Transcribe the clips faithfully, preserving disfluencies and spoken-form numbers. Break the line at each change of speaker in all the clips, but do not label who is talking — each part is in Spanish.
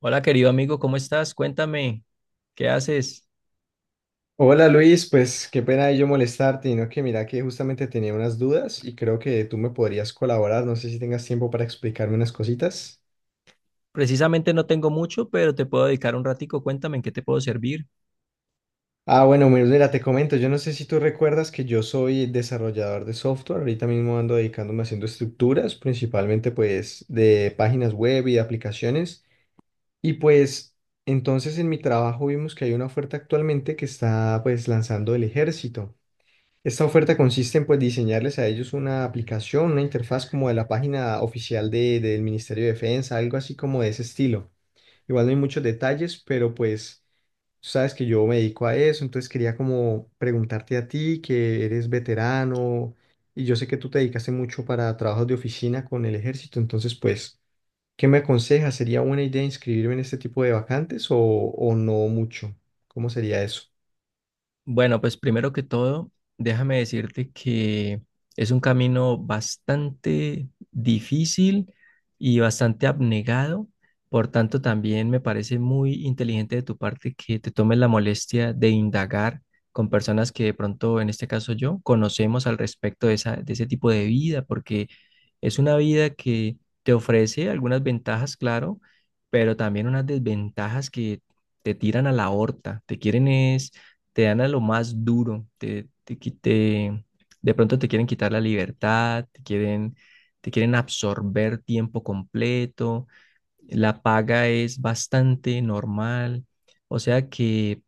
Hola, querido amigo, ¿cómo estás? Cuéntame, ¿qué haces?
Hola Luis, pues qué pena yo molestarte, y no que mira que justamente tenía unas dudas y creo que tú me podrías colaborar, no sé si tengas tiempo para explicarme unas cositas.
Precisamente no tengo mucho, pero te puedo dedicar un ratico. Cuéntame, ¿en qué te puedo servir?
Ah, bueno, mi- mira, te comento, yo no sé si tú recuerdas que yo soy desarrollador de software, ahorita mismo ando dedicándome haciendo estructuras, principalmente pues de páginas web y de aplicaciones, y pues entonces en mi trabajo vimos que hay una oferta actualmente que está pues lanzando el ejército. Esta oferta consiste en pues, diseñarles a ellos una aplicación, una interfaz como de la página oficial de- del Ministerio de Defensa, algo así como de ese estilo. Igual no hay muchos detalles, pero pues tú sabes que yo me dedico a eso, entonces quería como preguntarte a ti, que eres veterano y yo sé que tú te dedicaste mucho para trabajos de oficina con el ejército, entonces pues, ¿qué me aconsejas? ¿Sería buena idea inscribirme en este tipo de vacantes o, o no mucho? ¿Cómo sería eso?
Bueno, pues primero que todo, déjame decirte que es un camino bastante difícil y bastante abnegado. Por tanto, también me parece muy inteligente de tu parte que te tomes la molestia de indagar con personas que de pronto, en este caso yo, conocemos al respecto de esa, de ese tipo de vida, porque es una vida que te ofrece algunas ventajas, claro, pero también unas desventajas que te tiran a la horta, te quieren es te dan a lo más duro, te, te, qui- te- de pronto te quieren quitar la libertad, te quieren, te quieren absorber tiempo completo, la paga es bastante normal, o sea que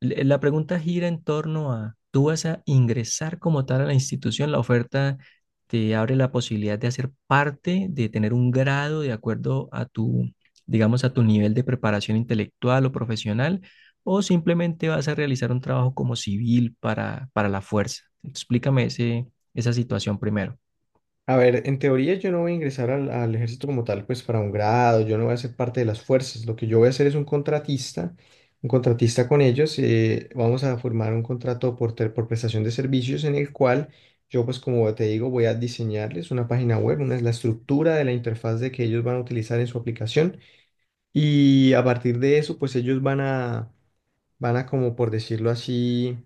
le- La pregunta gira en torno a, ¿tú vas a ingresar como tal a la institución? La oferta te abre la posibilidad de hacer parte, de tener un grado de acuerdo a tu, digamos, a tu nivel de preparación intelectual o profesional, o simplemente vas a realizar un trabajo como civil para, para la fuerza. Explícame ese, esa situación primero.
A ver, en teoría yo no voy a ingresar al, al ejército como tal, pues para un grado, yo no voy a ser parte de las fuerzas, lo que yo voy a hacer es un contratista, un contratista con ellos, eh, vamos a formar un contrato por, ter- por prestación de servicios en el cual yo pues como te digo voy a diseñarles una página web, una es la estructura de la interfaz de que ellos van a utilizar en su aplicación y a partir de eso pues ellos van a, van a como por decirlo así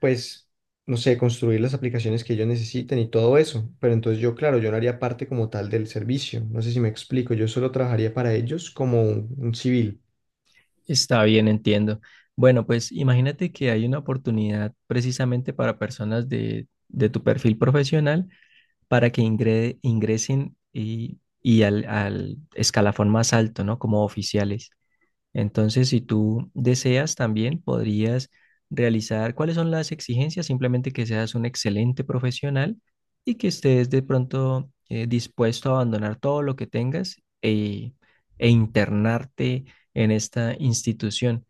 pues, no sé, construir las aplicaciones que ellos necesiten y todo eso. Pero entonces yo, claro, yo no haría parte como tal del servicio. No sé si me explico, yo solo trabajaría para ellos como un, un civil.
Está bien, entiendo. Bueno, pues imagínate que hay una oportunidad precisamente para personas de de tu perfil profesional para que ingre- ingresen y, y al, al escalafón más alto, ¿no? Como oficiales. Entonces, si tú deseas también, podrías realizar cuáles son las exigencias, simplemente que seas un excelente profesional y que estés de pronto eh, dispuesto a abandonar todo lo que tengas e, e internarte en esta institución.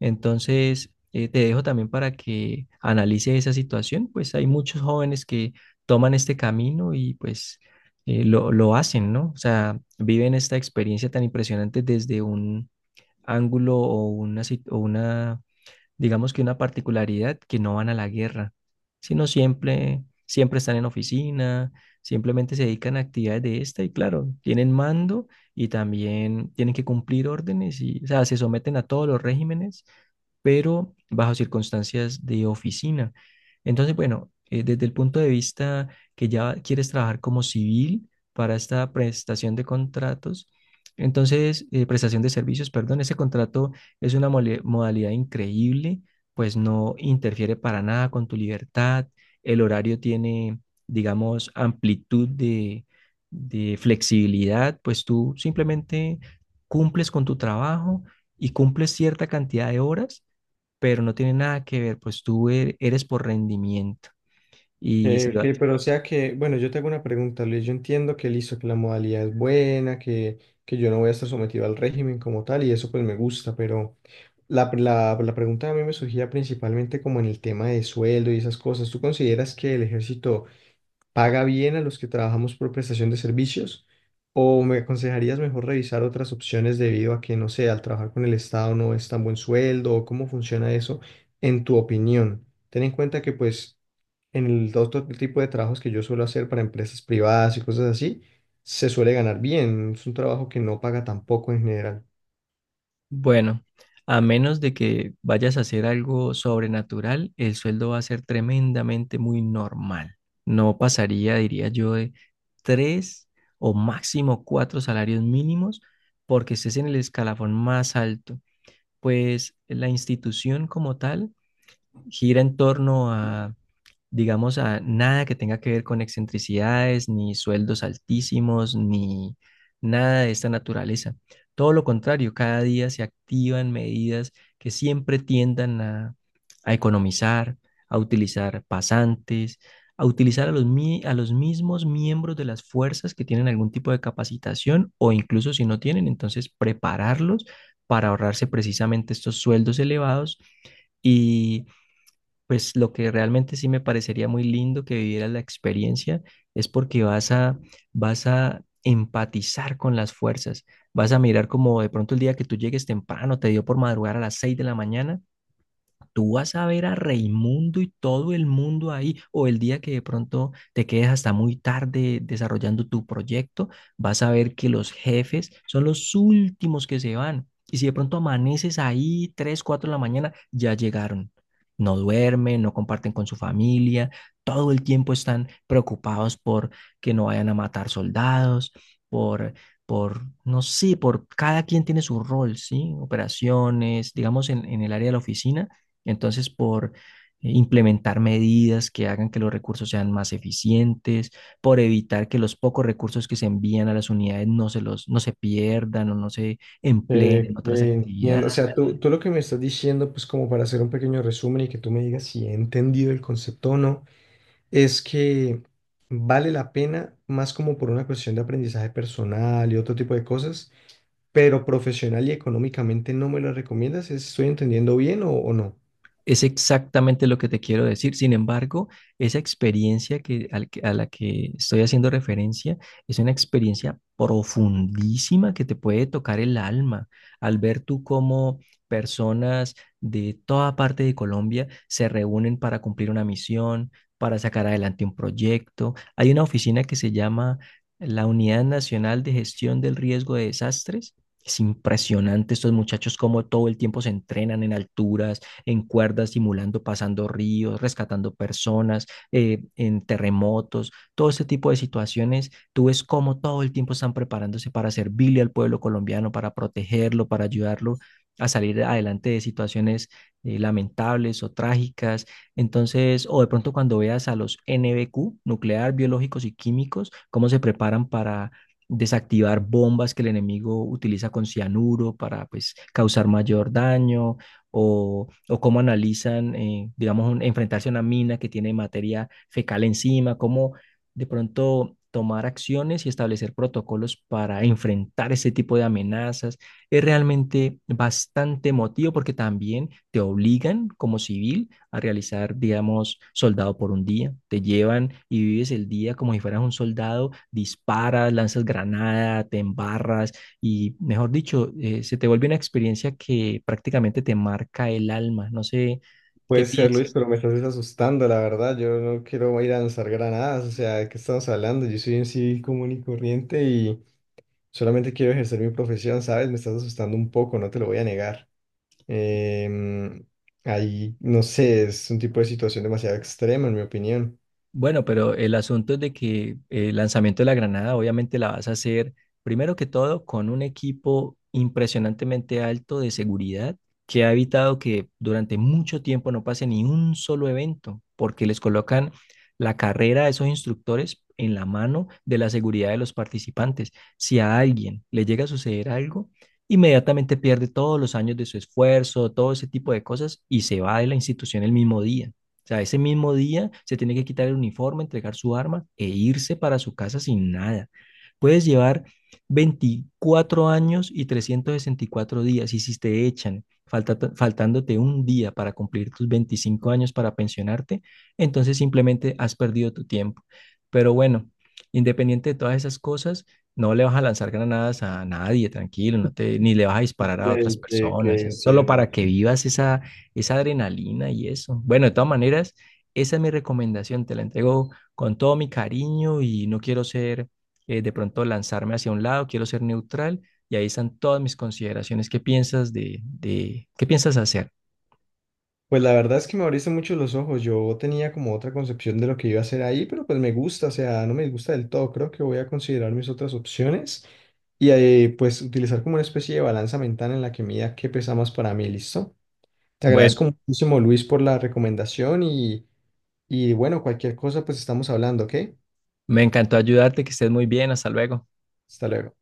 Entonces, eh, te dejo también para que analice esa situación, pues hay muchos jóvenes que toman este camino y pues eh, lo, lo hacen, ¿no? O sea, viven esta experiencia tan impresionante desde un ángulo o una, sit- o una, digamos que una particularidad que no van a la guerra, sino siempre, siempre están en oficina, simplemente se dedican a actividades de esta y claro, tienen mando y también tienen que cumplir órdenes y, o sea, se someten a todos los regímenes pero bajo circunstancias de oficina. Entonces, bueno, eh, desde el punto de vista que ya quieres trabajar como civil para esta prestación de contratos, entonces, eh, prestación de servicios, perdón, ese contrato es una mole- modalidad increíble, pues no interfiere para nada con tu libertad, el horario tiene, digamos, amplitud de, de flexibilidad, pues tú simplemente cumples con tu trabajo y cumples cierta cantidad de horas pero no tiene nada que ver, pues tú e- eres por rendimiento. Y
Eh,
si va-
ok, pero o sea que, bueno, yo te hago una pregunta, Luis. Yo entiendo que listo, que la modalidad es buena, que, que yo no voy a estar sometido al régimen como tal y eso pues me gusta, pero la, la, la pregunta a mí me surgía principalmente como en el tema de sueldo y esas cosas. ¿Tú consideras que el ejército paga bien a los que trabajamos por prestación de servicios? ¿O me aconsejarías mejor revisar otras opciones debido a que, no sé, al trabajar con el Estado no es tan buen sueldo? ¿O cómo funciona eso en tu opinión? Ten en cuenta que pues en el otro tipo de trabajos que yo suelo hacer para empresas privadas y cosas así, se suele ganar bien. Es un trabajo que no paga tampoco en general.
bueno, a menos de que vayas a hacer algo sobrenatural, el sueldo va a ser tremendamente muy normal. No pasaría, diría yo, de tres o máximo cuatro salarios mínimos porque estés en el escalafón más alto. Pues la institución como tal gira en torno a, digamos, a nada que tenga que ver con excentricidades, ni sueldos altísimos, ni nada de esta naturaleza. Todo lo contrario, cada día se activan medidas que siempre tiendan a, a economizar, a utilizar pasantes, a utilizar a los, mi- a los mismos miembros de las fuerzas que tienen algún tipo de capacitación o incluso si no tienen, entonces prepararlos para ahorrarse precisamente estos sueldos elevados y pues lo que realmente sí me parecería muy lindo que viviera la experiencia es porque vas a, vas a empatizar con las fuerzas, vas a mirar como de pronto el día que tú llegues temprano, te dio por madrugar a las seis de la mañana. Tú vas a ver a Raimundo y todo el mundo ahí, o el día que de pronto te quedes hasta muy tarde desarrollando tu proyecto, vas a ver que los jefes son los últimos que se van. Y si de pronto amaneces ahí tres, cuatro de la mañana, ya llegaron. No duermen, no comparten con su familia, todo el tiempo están preocupados por que no vayan a matar soldados, por por, no sé, por cada quien tiene su rol, ¿sí? Operaciones, digamos, en, en el área de la oficina, entonces, por eh, implementar medidas que hagan que los recursos sean más eficientes, por evitar que los pocos recursos que se envían a las unidades no se los, no se pierdan o no se empleen
Eh,
en otras
eh, entiendo. O
actividades.
sea, tú, tú lo que me estás diciendo, pues como para hacer un pequeño resumen y que tú me digas si he entendido el concepto o no, es que vale la pena más como por una cuestión de aprendizaje personal y otro tipo de cosas, pero profesional y económicamente no me lo recomiendas. ¿Estoy entendiendo bien o, o no?
Es exactamente lo que te quiero decir. Sin embargo, esa experiencia que, al que- a la que estoy haciendo referencia es una experiencia profundísima que te puede tocar el alma al ver tú cómo personas de toda parte de Colombia se reúnen para cumplir una misión, para sacar adelante un proyecto. Hay una oficina que se llama la Unidad Nacional de Gestión del Riesgo de Desastres. Es impresionante estos muchachos cómo todo el tiempo se entrenan en alturas, en cuerdas, simulando, pasando ríos, rescatando personas, eh, en terremotos, todo ese tipo de situaciones. Tú ves cómo todo el tiempo están preparándose para servirle al pueblo colombiano, para protegerlo, para ayudarlo a salir adelante de situaciones eh, lamentables o trágicas. Entonces, o de pronto cuando veas a los N B Q, nuclear, biológicos y químicos, cómo se preparan para desactivar bombas que el enemigo utiliza con cianuro para pues causar mayor daño o, o cómo analizan, eh, digamos, un- enfrentarse a una mina que tiene materia fecal encima, cómo de pronto tomar acciones y establecer protocolos para enfrentar ese tipo de amenazas. Es realmente bastante emotivo porque también te obligan como civil a realizar, digamos, soldado por un día. Te llevan y vives el día como si fueras un soldado, disparas, lanzas granada, te embarras, y, mejor dicho, eh, se te vuelve una experiencia que prácticamente te marca el alma. No sé qué
Puede ser, Luis,
piensas.
pero me estás asustando, la verdad. Yo no quiero ir a lanzar granadas. O sea, ¿de qué estamos hablando? Yo soy un civil común y corriente y solamente quiero ejercer mi profesión, ¿sabes? Me estás asustando un poco, no te lo voy a negar. Em, ahí, no sé, es un tipo de situación demasiado extrema, en mi opinión.
Bueno, pero el asunto es de que el lanzamiento de la granada obviamente la vas a hacer primero que todo con un equipo impresionantemente alto de seguridad que ha evitado que durante mucho tiempo no pase ni un solo evento, porque les colocan la carrera a esos instructores en la mano de la seguridad de los participantes. Si a alguien le llega a suceder algo, inmediatamente pierde todos los años de su esfuerzo, todo ese tipo de cosas y se va de la institución el mismo día. O sea, ese mismo día se tiene que quitar el uniforme, entregar su arma e irse para su casa sin nada. Puedes llevar veinticuatro años y trescientos sesenta y cuatro días y si te echan falta- faltándote un día para cumplir tus veinticinco años para pensionarte, entonces simplemente has perdido tu tiempo. Pero bueno, independiente de todas esas cosas, no le vas a lanzar granadas a nadie, tranquilo, no te, ni le vas a disparar a otras
de- de que
personas, es solo
entiendo,
para que
entiendo.
vivas esa esa adrenalina y eso. Bueno, de todas maneras, esa es mi recomendación, te la entrego con todo mi cariño y no quiero ser, eh, de pronto lanzarme hacia un lado, quiero ser neutral y ahí están todas mis consideraciones. ¿Qué piensas de, de, qué piensas hacer?
Pues la verdad es que me abriste mucho los ojos. Yo tenía como otra concepción de lo que iba a hacer ahí, pero pues me gusta, o sea, no me disgusta del todo. Creo que voy a considerar mis otras opciones y eh, pues utilizar como una especie de balanza mental en la que mida qué pesa más para mí, ¿listo? Te
Bueno,
agradezco muchísimo, Luis, por la recomendación y, y bueno, cualquier cosa, pues estamos hablando, ¿ok?
me encantó ayudarte, que estés muy bien, hasta luego.
Hasta luego.